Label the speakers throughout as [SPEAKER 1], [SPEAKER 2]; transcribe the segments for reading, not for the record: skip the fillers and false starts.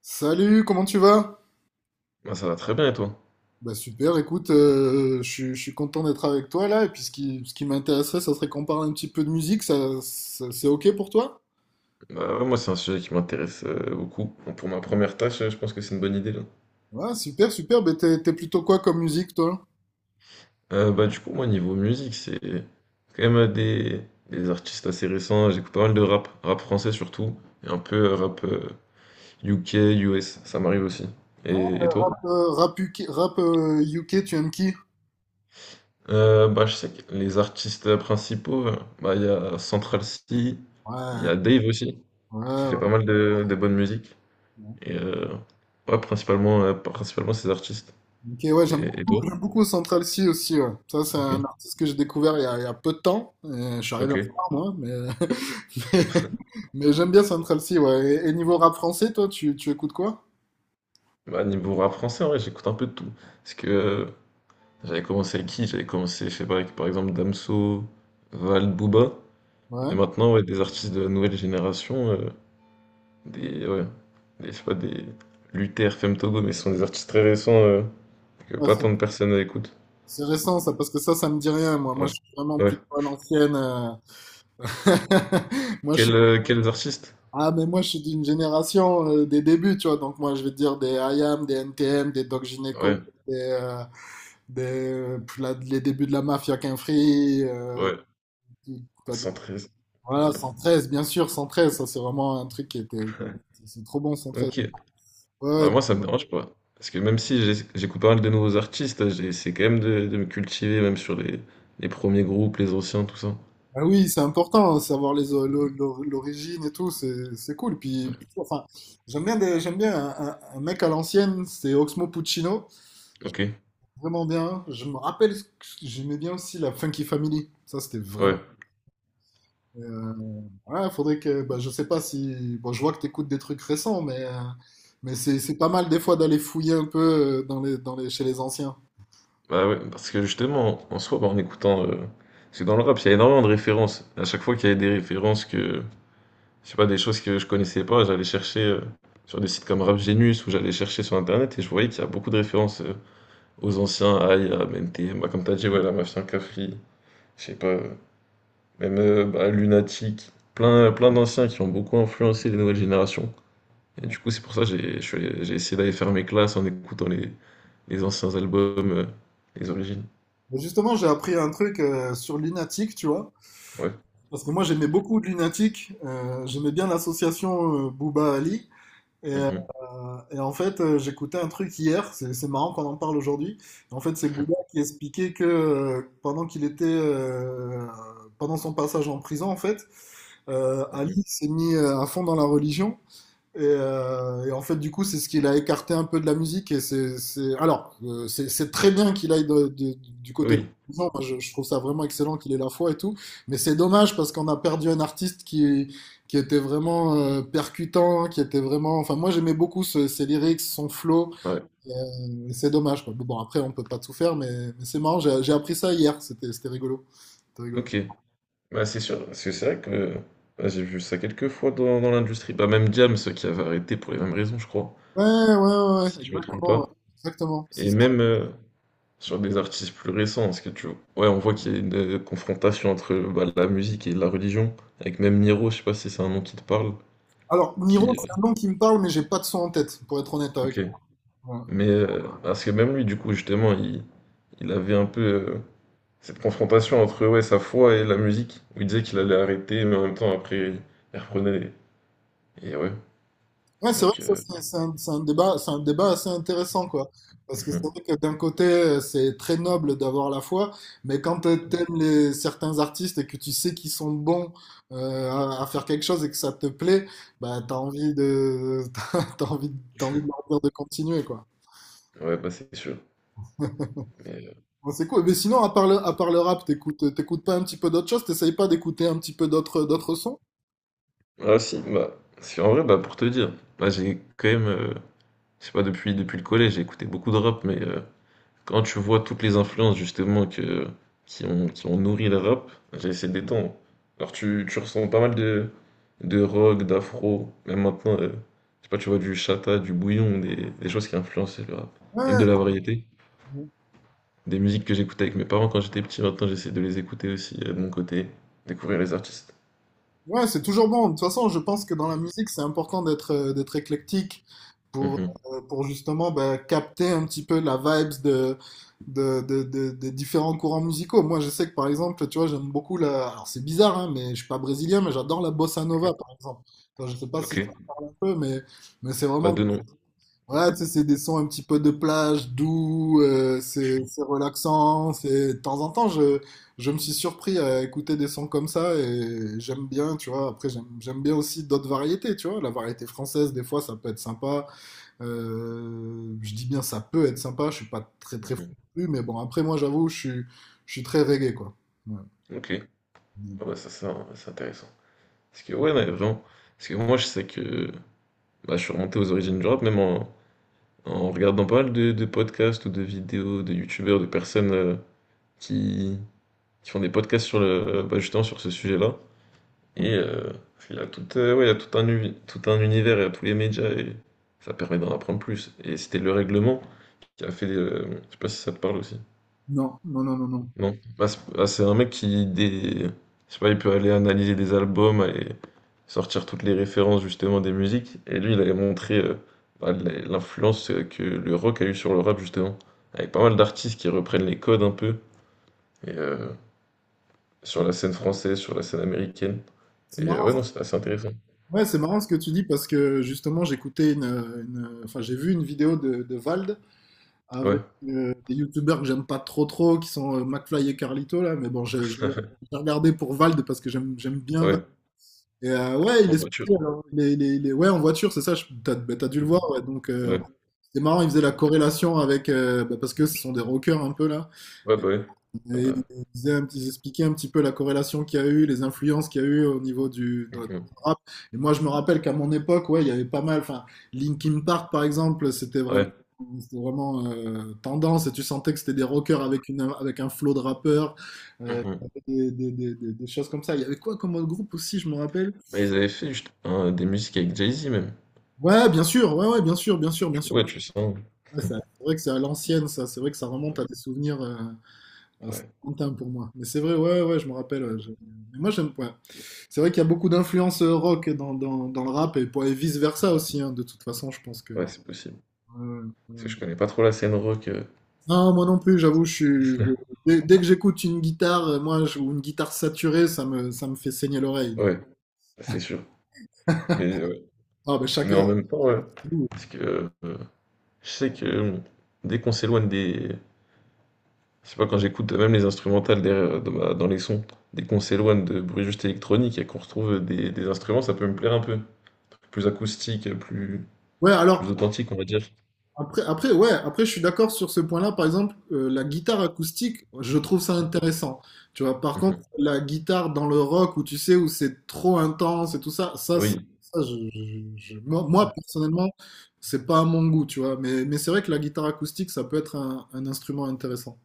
[SPEAKER 1] Salut, comment tu vas?
[SPEAKER 2] Moi, ça va très bien et toi?
[SPEAKER 1] Bah super, écoute, je suis content d'être avec toi là, et puis ce qui m'intéresserait, ça serait qu'on parle un petit peu de musique, c'est ok pour toi?
[SPEAKER 2] Bah ouais, moi c'est un sujet qui m'intéresse beaucoup. Bon, pour ma première tâche, je pense que c'est une bonne idée là.
[SPEAKER 1] Ouais, super, super, bah t'es plutôt quoi comme musique toi?
[SPEAKER 2] Bah du coup moi niveau musique c'est quand même des artistes assez récents. J'écoute pas mal de rap, rap français surtout, et un peu rap UK, US, ça m'arrive aussi. Et toi?
[SPEAKER 1] Rap, rap UK, rap, UK, tu aimes qui?
[SPEAKER 2] Bah je sais que les artistes principaux, bah il y a Central C, il y
[SPEAKER 1] Ouais,
[SPEAKER 2] a Dave aussi, qui fait pas
[SPEAKER 1] ouais,
[SPEAKER 2] mal de bonne musique.
[SPEAKER 1] ouais.
[SPEAKER 2] Et ouais, principalement, principalement ces artistes.
[SPEAKER 1] Ok, ouais,
[SPEAKER 2] Et toi?
[SPEAKER 1] j'aime beaucoup Central C aussi, ouais. Ça, c'est
[SPEAKER 2] Ok.
[SPEAKER 1] un artiste que j'ai découvert il y a peu de temps, et je suis arrivé en
[SPEAKER 2] OK.
[SPEAKER 1] retard moi, mais, mais, mais j'aime bien Central C, ouais. Et niveau rap français, toi, tu écoutes quoi?
[SPEAKER 2] Bah, niveau rap français, en vrai, j'écoute un peu de tout. Parce que j'avais commencé avec qui? J'avais commencé, je sais pas, avec par exemple Damso, Val, Booba. Et
[SPEAKER 1] Ouais.
[SPEAKER 2] maintenant, ouais, des artistes de la nouvelle génération, ouais, je sais pas, des Luther, Femme Togo, mais ce sont des artistes très récents, que pas
[SPEAKER 1] ouais,
[SPEAKER 2] tant de personnes écoutent.
[SPEAKER 1] c'est récent ça, parce que ça me dit rien, moi. Moi,
[SPEAKER 2] Ouais.
[SPEAKER 1] je suis vraiment
[SPEAKER 2] Ouais.
[SPEAKER 1] plutôt à l'ancienne. Moi, je suis...
[SPEAKER 2] Quels artistes?
[SPEAKER 1] Ah, mais moi, je suis d'une génération des débuts, tu vois. Donc, moi, je vais te dire des IAM, des NTM, des Doc Gynéco,
[SPEAKER 2] Ouais,
[SPEAKER 1] des, euh, des, les débuts de la mafia Quinfri.
[SPEAKER 2] ouais,
[SPEAKER 1] Quoi d'autre.
[SPEAKER 2] 113.
[SPEAKER 1] Voilà,
[SPEAKER 2] Hop.
[SPEAKER 1] 113, bien sûr, 113. Ça, c'est vraiment un truc C'est trop bon, 113.
[SPEAKER 2] Ok.
[SPEAKER 1] Ouais,
[SPEAKER 2] Bah
[SPEAKER 1] ouais,
[SPEAKER 2] moi ça me dérange pas. Parce que même si j'écoute pas mal de nouveaux artistes, j'ai essayé quand même de me cultiver, même sur les premiers groupes, les anciens, tout ça.
[SPEAKER 1] ah oui, c'est important, savoir les o- l'o- l'o- l'origine et tout, c'est cool.
[SPEAKER 2] Ouais.
[SPEAKER 1] Puis, enfin, j'aime bien un mec à l'ancienne, c'est Oxmo Puccino. J'aime
[SPEAKER 2] Ok.
[SPEAKER 1] vraiment bien. Je me rappelle, que j'aimais bien aussi la Funky Family. Ça, c'était vraiment.
[SPEAKER 2] Ouais.
[SPEAKER 1] Euh, ouais, faudrait que. Bah, je sais pas si. Bon, je vois que t'écoutes des trucs récents, mais c'est pas mal des fois d'aller fouiller un peu chez les anciens.
[SPEAKER 2] Bah ouais, parce que justement, en soi, bah, en écoutant. Parce que dans le rap, il y a énormément de références. À chaque fois qu'il y avait des références que. Je sais pas, des choses que je connaissais pas, j'allais chercher, sur des sites comme Rap Genius ou j'allais chercher sur Internet et je voyais qu'il y a beaucoup de références, aux anciens, à I A, M T MNTM, bah, comme t'as dit, ouais, la Mafia Cafri, je sais pas. Même bah, Lunatic, plein d'anciens qui ont beaucoup influencé les nouvelles générations. Et
[SPEAKER 1] Ouais.
[SPEAKER 2] du coup, c'est pour ça que j'ai je suis allé- j'ai essayé d'aller faire mes classes en écoutant les anciens albums, les origines.
[SPEAKER 1] Mais justement, j'ai appris un truc sur Lunatic, tu vois.
[SPEAKER 2] Ouais.
[SPEAKER 1] Parce que moi, j'aimais beaucoup Lunatic. J'aimais bien l'association Booba Ali.
[SPEAKER 2] Mhm,
[SPEAKER 1] Et en fait, j'écoutais un truc hier, c'est marrant qu'on en parle aujourd'hui. En fait, c'est Bouddha qui expliquait que pendant son passage en prison, en fait,
[SPEAKER 2] mhm.
[SPEAKER 1] Ali s'est mis à fond dans la religion et, en fait, du coup, c'est ce qu'il a écarté un peu de la musique. C'est très bien qu'il aille du côté de l'argent.
[SPEAKER 2] Oui,
[SPEAKER 1] Moi, je trouve ça vraiment excellent qu'il ait la foi et tout. Mais c'est dommage parce qu'on a perdu un artiste qui était vraiment percutant, qui était vraiment. Enfin, moi, j'aimais beaucoup ses lyrics, son flow.
[SPEAKER 2] ouais.
[SPEAKER 1] Et, c'est dommage, quoi. Bon, après, on peut pas tout faire, mais c'est marrant. J'ai appris ça hier. C'était rigolo. C'était rigolo.
[SPEAKER 2] Ok. Bah, c'est sûr, parce que c'est vrai que bah, j'ai vu ça quelques fois dans l'industrie. Bah, même Diams qui avait arrêté pour les mêmes raisons, je crois,
[SPEAKER 1] Ouais, ouais, ouais, ouais,
[SPEAKER 2] si je me trompe
[SPEAKER 1] exactement. Ouais.
[SPEAKER 2] pas.
[SPEAKER 1] Exactement. C'est
[SPEAKER 2] Et même, sur des artistes plus récents, parce que tu ouais, on voit qu'il y a une confrontation entre, bah, la musique et la religion, avec même Niro, je sais pas si c'est un nom qui te parle. Ouais.
[SPEAKER 1] alors, Niro,
[SPEAKER 2] qui
[SPEAKER 1] c'est un nom qui me parle, mais j'ai pas de son en tête, pour être honnête avec
[SPEAKER 2] OK.
[SPEAKER 1] toi.
[SPEAKER 2] Mais, parce que même lui, du coup, justement, il avait un peu, heu, cette confrontation entre, ouais, sa foi et la musique, où il disait qu'il allait arrêter, mais en même temps, après, il reprenait et ouais,
[SPEAKER 1] Ouais, c'est vrai
[SPEAKER 2] donc
[SPEAKER 1] que ça, c'est un débat assez intéressant, quoi. Parce que c'est
[SPEAKER 2] mmh.
[SPEAKER 1] vrai que d'un côté, c'est très noble d'avoir la foi, mais quand t'aimes certains artistes et que tu sais qu'ils sont bons à faire quelque chose et que ça te plaît, bah t'as envie de, t'as envie, t'as envie de leur dire de continuer, quoi.
[SPEAKER 2] Ouais, bah, c'est sûr, mais,
[SPEAKER 1] Bon, c'est cool. Mais sinon, à part le rap, t'écoutes pas un petit peu d'autres choses? T'essayes pas d'écouter un petit peu d'autres, d'autres sons?
[SPEAKER 2] ah si, bah, si en vrai, bah, pour te dire, bah, j'ai quand même, je sais pas, depuis le collège, j'ai écouté beaucoup de rap, mais quand tu vois toutes les influences justement qui ont nourri le rap, j'ai ces des temps. Alors tu ressens pas mal de rock, d'afro, même maintenant, je sais pas, tu vois du chata, du bouillon, des choses qui influencent le rap. Même de
[SPEAKER 1] Ouais.
[SPEAKER 2] la variété, des musiques que j'écoutais avec mes parents quand j'étais petit, maintenant j'essaie de les écouter aussi, de mon côté, découvrir les artistes.
[SPEAKER 1] Ouais, c'est toujours bon. De toute façon, je pense que dans la musique, c'est important d'être d'être éclectique pour
[SPEAKER 2] Mhm.
[SPEAKER 1] pour justement bah, capter un petit peu la vibes de des différents courants musicaux. Moi, je sais que par exemple, tu vois, j'aime beaucoup la. Alors c'est bizarre, hein, mais je suis pas brésilien, mais j'adore la bossa nova, par exemple. Enfin, je sais pas si
[SPEAKER 2] Ok,
[SPEAKER 1] ça parle un peu, mais c'est
[SPEAKER 2] bah
[SPEAKER 1] vraiment
[SPEAKER 2] de nom.
[SPEAKER 1] ouais, tu sais, c'est des sons un petit peu de plage, doux, c'est relaxant. C'est... De temps en temps, je me suis surpris à écouter des sons comme ça et j'aime bien, tu vois. Après, j'aime bien aussi d'autres variétés, tu vois. La variété française, des fois, ça peut être sympa. Je dis bien ça peut être sympa, je suis pas très très fou
[SPEAKER 2] Mhm.
[SPEAKER 1] non plus, mais bon, après, moi, j'avoue, je suis très reggae, quoi. Ouais.
[SPEAKER 2] Ok. Ah bah ça c'est intéressant. Parce que ouais, ouais, vraiment, parce que moi je sais que bah, je suis remonté aux origines du rap, même en regardant pas mal de podcasts ou de vidéos de youtubeurs, de personnes, qui, qui font des podcasts sur bah, justement sur ce sujet-là. Et il y a tout, ouais, il y a tout un univers, il y a tous les médias et ça permet d'en apprendre plus. Et c'était le règlement qui a fait. Je sais pas si ça te parle aussi.
[SPEAKER 1] Non, non, non, non, non.
[SPEAKER 2] Non. C'est un mec je sais pas, il peut aller analyser des albums, aller sortir toutes les références justement des musiques. Et lui, il avait montré, bah, l'influence, que le rock a eu sur le rap justement. Avec pas mal d'artistes qui reprennent les codes un peu. Et, euh, Sur la scène française, sur la scène américaine.
[SPEAKER 1] C'est
[SPEAKER 2] Et ouais,
[SPEAKER 1] marrant.
[SPEAKER 2] non, c'est assez intéressant.
[SPEAKER 1] Ouais, c'est marrant ce que tu dis parce que justement, j'ai vu une vidéo de Vald
[SPEAKER 2] Ouais,
[SPEAKER 1] avec des youtubeurs que j'aime pas trop trop, qui sont McFly et Carlito là, mais bon, j'ai regardé pour Vald parce que j'aime bien Vald.
[SPEAKER 2] ouais,
[SPEAKER 1] Et ouais, il
[SPEAKER 2] en
[SPEAKER 1] est
[SPEAKER 2] voiture.
[SPEAKER 1] sorti, alors, ouais, en voiture, c'est ça, t'as dû le voir, ouais. Donc
[SPEAKER 2] Ouais,
[SPEAKER 1] c'est marrant, il faisait la corrélation avec, bah, parce que ce sont des rockers un peu là,
[SPEAKER 2] ouais, bah ouais. Ah
[SPEAKER 1] et
[SPEAKER 2] bah,
[SPEAKER 1] il expliquait un petit peu la corrélation qu'il y a eu, les influences qu'il y a eu au niveau du dans le
[SPEAKER 2] mhm.
[SPEAKER 1] rap. Et moi, je me rappelle qu'à mon époque, ouais, il y avait pas mal. Enfin, Linkin Park, par exemple,
[SPEAKER 2] Ouais.
[SPEAKER 1] c'était vraiment tendance. Et tu sentais que c'était des rockers avec une, avec un flow de rappeurs, euh,
[SPEAKER 2] Mhm.
[SPEAKER 1] des choses comme ça. Il y avait quoi comme autre groupe aussi, je me rappelle?
[SPEAKER 2] Bah, ils avaient fait juste hein, des musiques avec Jay-Z même.
[SPEAKER 1] Ouais, bien sûr, ouais, ouais, bien sûr, bien sûr,
[SPEAKER 2] Du
[SPEAKER 1] bien
[SPEAKER 2] coup,
[SPEAKER 1] sûr.
[SPEAKER 2] ouais, tu sens.
[SPEAKER 1] Ouais, c'est vrai que c'est à l'ancienne, ça. C'est vrai que ça
[SPEAKER 2] Ouais.
[SPEAKER 1] remonte à des souvenirs. Euh, ah, c'est
[SPEAKER 2] Ouais.
[SPEAKER 1] lointain pour moi. Mais c'est vrai, ouais, ouais, ouais, je me rappelle. Ouais, je- mais moi, j'aime. Ouais. C'est vrai qu'il y a beaucoup d'influences rock dans le rap et, et vice-versa aussi. Hein, de toute façon, je pense que.
[SPEAKER 2] Ouais, c'est possible.
[SPEAKER 1] Ouais,
[SPEAKER 2] Parce que
[SPEAKER 1] ouais.
[SPEAKER 2] je connais pas trop la scène rock.
[SPEAKER 1] Non, moi non plus, j'avoue, je suis. Je- dès, dès que j'écoute une guitare, ou une guitare saturée, ça me fait saigner l'oreille. Donc.
[SPEAKER 2] Ouais, c'est sûr. Mais, euh,
[SPEAKER 1] Ah, ben
[SPEAKER 2] mais
[SPEAKER 1] chacun.
[SPEAKER 2] en même temps, ouais,
[SPEAKER 1] C'est nous.
[SPEAKER 2] parce que je sais que dès qu'on s'éloigne des. Je sais pas, quand j'écoute même les instrumentales derrière, dans les sons, dès qu'on s'éloigne de bruit juste électronique et qu'on retrouve des instruments, ça peut me plaire un peu. Plus acoustique,
[SPEAKER 1] Ouais, alors,
[SPEAKER 2] plus authentique, on va dire.
[SPEAKER 1] Après, je suis d'accord sur ce point-là. Par exemple, la guitare acoustique, je trouve ça intéressant. Tu vois, par contre,
[SPEAKER 2] Mhm.
[SPEAKER 1] la guitare dans le rock où tu sais, où c'est trop intense et tout ça,
[SPEAKER 2] Oui.
[SPEAKER 1] moi, personnellement, c'est pas à mon goût, tu vois. Mais c'est vrai que la guitare acoustique, ça peut être un instrument intéressant.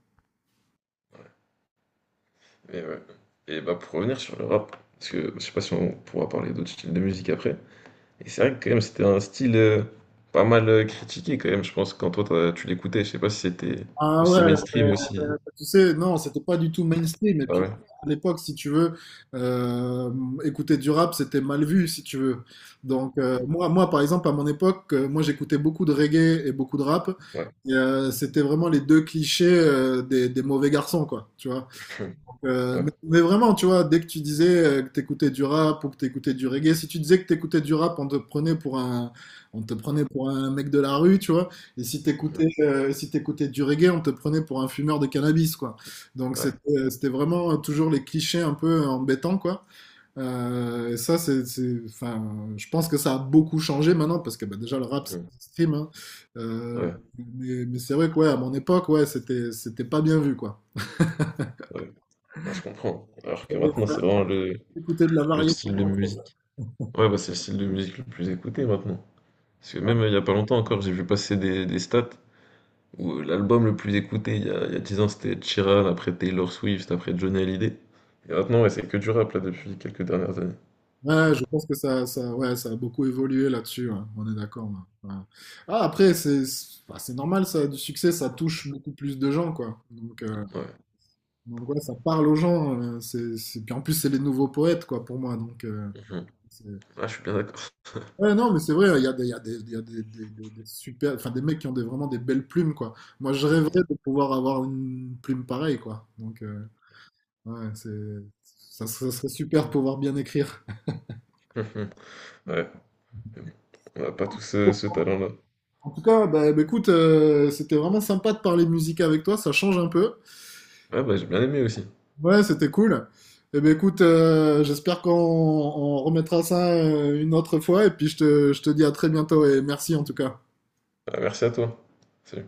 [SPEAKER 2] Et, ouais. Et bah pour revenir sur le rap, parce que je sais pas si on pourra parler d'autres styles de musique après. Et c'est vrai que quand même c'était un style, pas mal, critiqué quand même, je pense, quand tu l'écoutais, je sais pas si c'était
[SPEAKER 1] Ah ouais,
[SPEAKER 2] aussi
[SPEAKER 1] mais,
[SPEAKER 2] mainstream aussi.
[SPEAKER 1] tu sais, non, c'était pas du tout mainstream. Et
[SPEAKER 2] Ah
[SPEAKER 1] puis,
[SPEAKER 2] ouais,
[SPEAKER 1] à l'époque, si tu veux, euh, écouter du rap, c'était mal vu, si tu veux. Donc, moi, par exemple, à mon époque, moi, j'écoutais beaucoup de reggae et beaucoup de rap.
[SPEAKER 2] ouais,
[SPEAKER 1] Et, c'était vraiment les deux clichés, des mauvais garçons, quoi, tu vois.
[SPEAKER 2] ouais,
[SPEAKER 1] Mais vraiment, tu vois, dès que tu disais que t'écoutais du rap ou que t'écoutais du reggae, si tu disais que t'écoutais du rap, on te prenait pour un mec de la rue, tu vois. Et si
[SPEAKER 2] mhm,
[SPEAKER 1] t'écoutais, si t'écoutais du reggae, on te prenait pour un fumeur de cannabis, quoi. Donc
[SPEAKER 2] ouais,
[SPEAKER 1] c'était vraiment toujours les clichés un peu embêtants, quoi. Et ça, enfin, je pense que ça a beaucoup changé maintenant parce que bah, déjà le rap, c'est
[SPEAKER 2] mhm,
[SPEAKER 1] mainstream, hein. Euh,
[SPEAKER 2] ouais,
[SPEAKER 1] mais c'est vrai que ouais, à mon époque, ouais, c'était pas bien vu, quoi.
[SPEAKER 2] ouais, ouais, je comprends. Alors que maintenant c'est vraiment
[SPEAKER 1] Écouter de la
[SPEAKER 2] le
[SPEAKER 1] variété.
[SPEAKER 2] style de musique. Ouais, bah c'est le style de musique le plus écouté maintenant. Parce que
[SPEAKER 1] Ouais,
[SPEAKER 2] même il y a pas longtemps encore, j'ai vu passer des stats où, l'album le plus écouté il y a 10 ans c'était Chiran, après Taylor Swift, après Johnny Hallyday. Et maintenant ouais, c'est que du rap là depuis quelques dernières années.
[SPEAKER 1] ouais,
[SPEAKER 2] Enfin,
[SPEAKER 1] je pense que ça a beaucoup évolué là-dessus, ouais. On est d'accord. Ouais. Ouais. Ah, après, c'est normal, ça a du succès, ça touche beaucoup plus de gens, quoi. Donc, ouais, ça parle aux gens. Puis en plus, c'est les nouveaux poètes, quoi, pour moi. Donc,
[SPEAKER 2] ouais.
[SPEAKER 1] c'est-
[SPEAKER 2] Ah, je suis bien d'accord.
[SPEAKER 1] ouais, non, mais c'est vrai, il y a des, il y a des, il y a des super, enfin, des mecs qui ont des, vraiment des belles plumes, quoi. Moi, je rêverais de pouvoir avoir une plume pareille, quoi. Donc, ouais, c'est, ça, ça serait super de pouvoir bien écrire.
[SPEAKER 2] Ouais, mais bon, on n'a pas tous ce talent-là.
[SPEAKER 1] En tout cas, bah, écoute, c'était vraiment sympa de parler musique avec toi, ça change un peu.
[SPEAKER 2] Ouais, bah j'ai bien aimé aussi.
[SPEAKER 1] Ouais, c'était cool. Eh ben écoute, j'espère qu'on remettra ça une autre fois et puis je te dis à très bientôt et merci en tout cas.
[SPEAKER 2] Ah, merci à toi. Salut.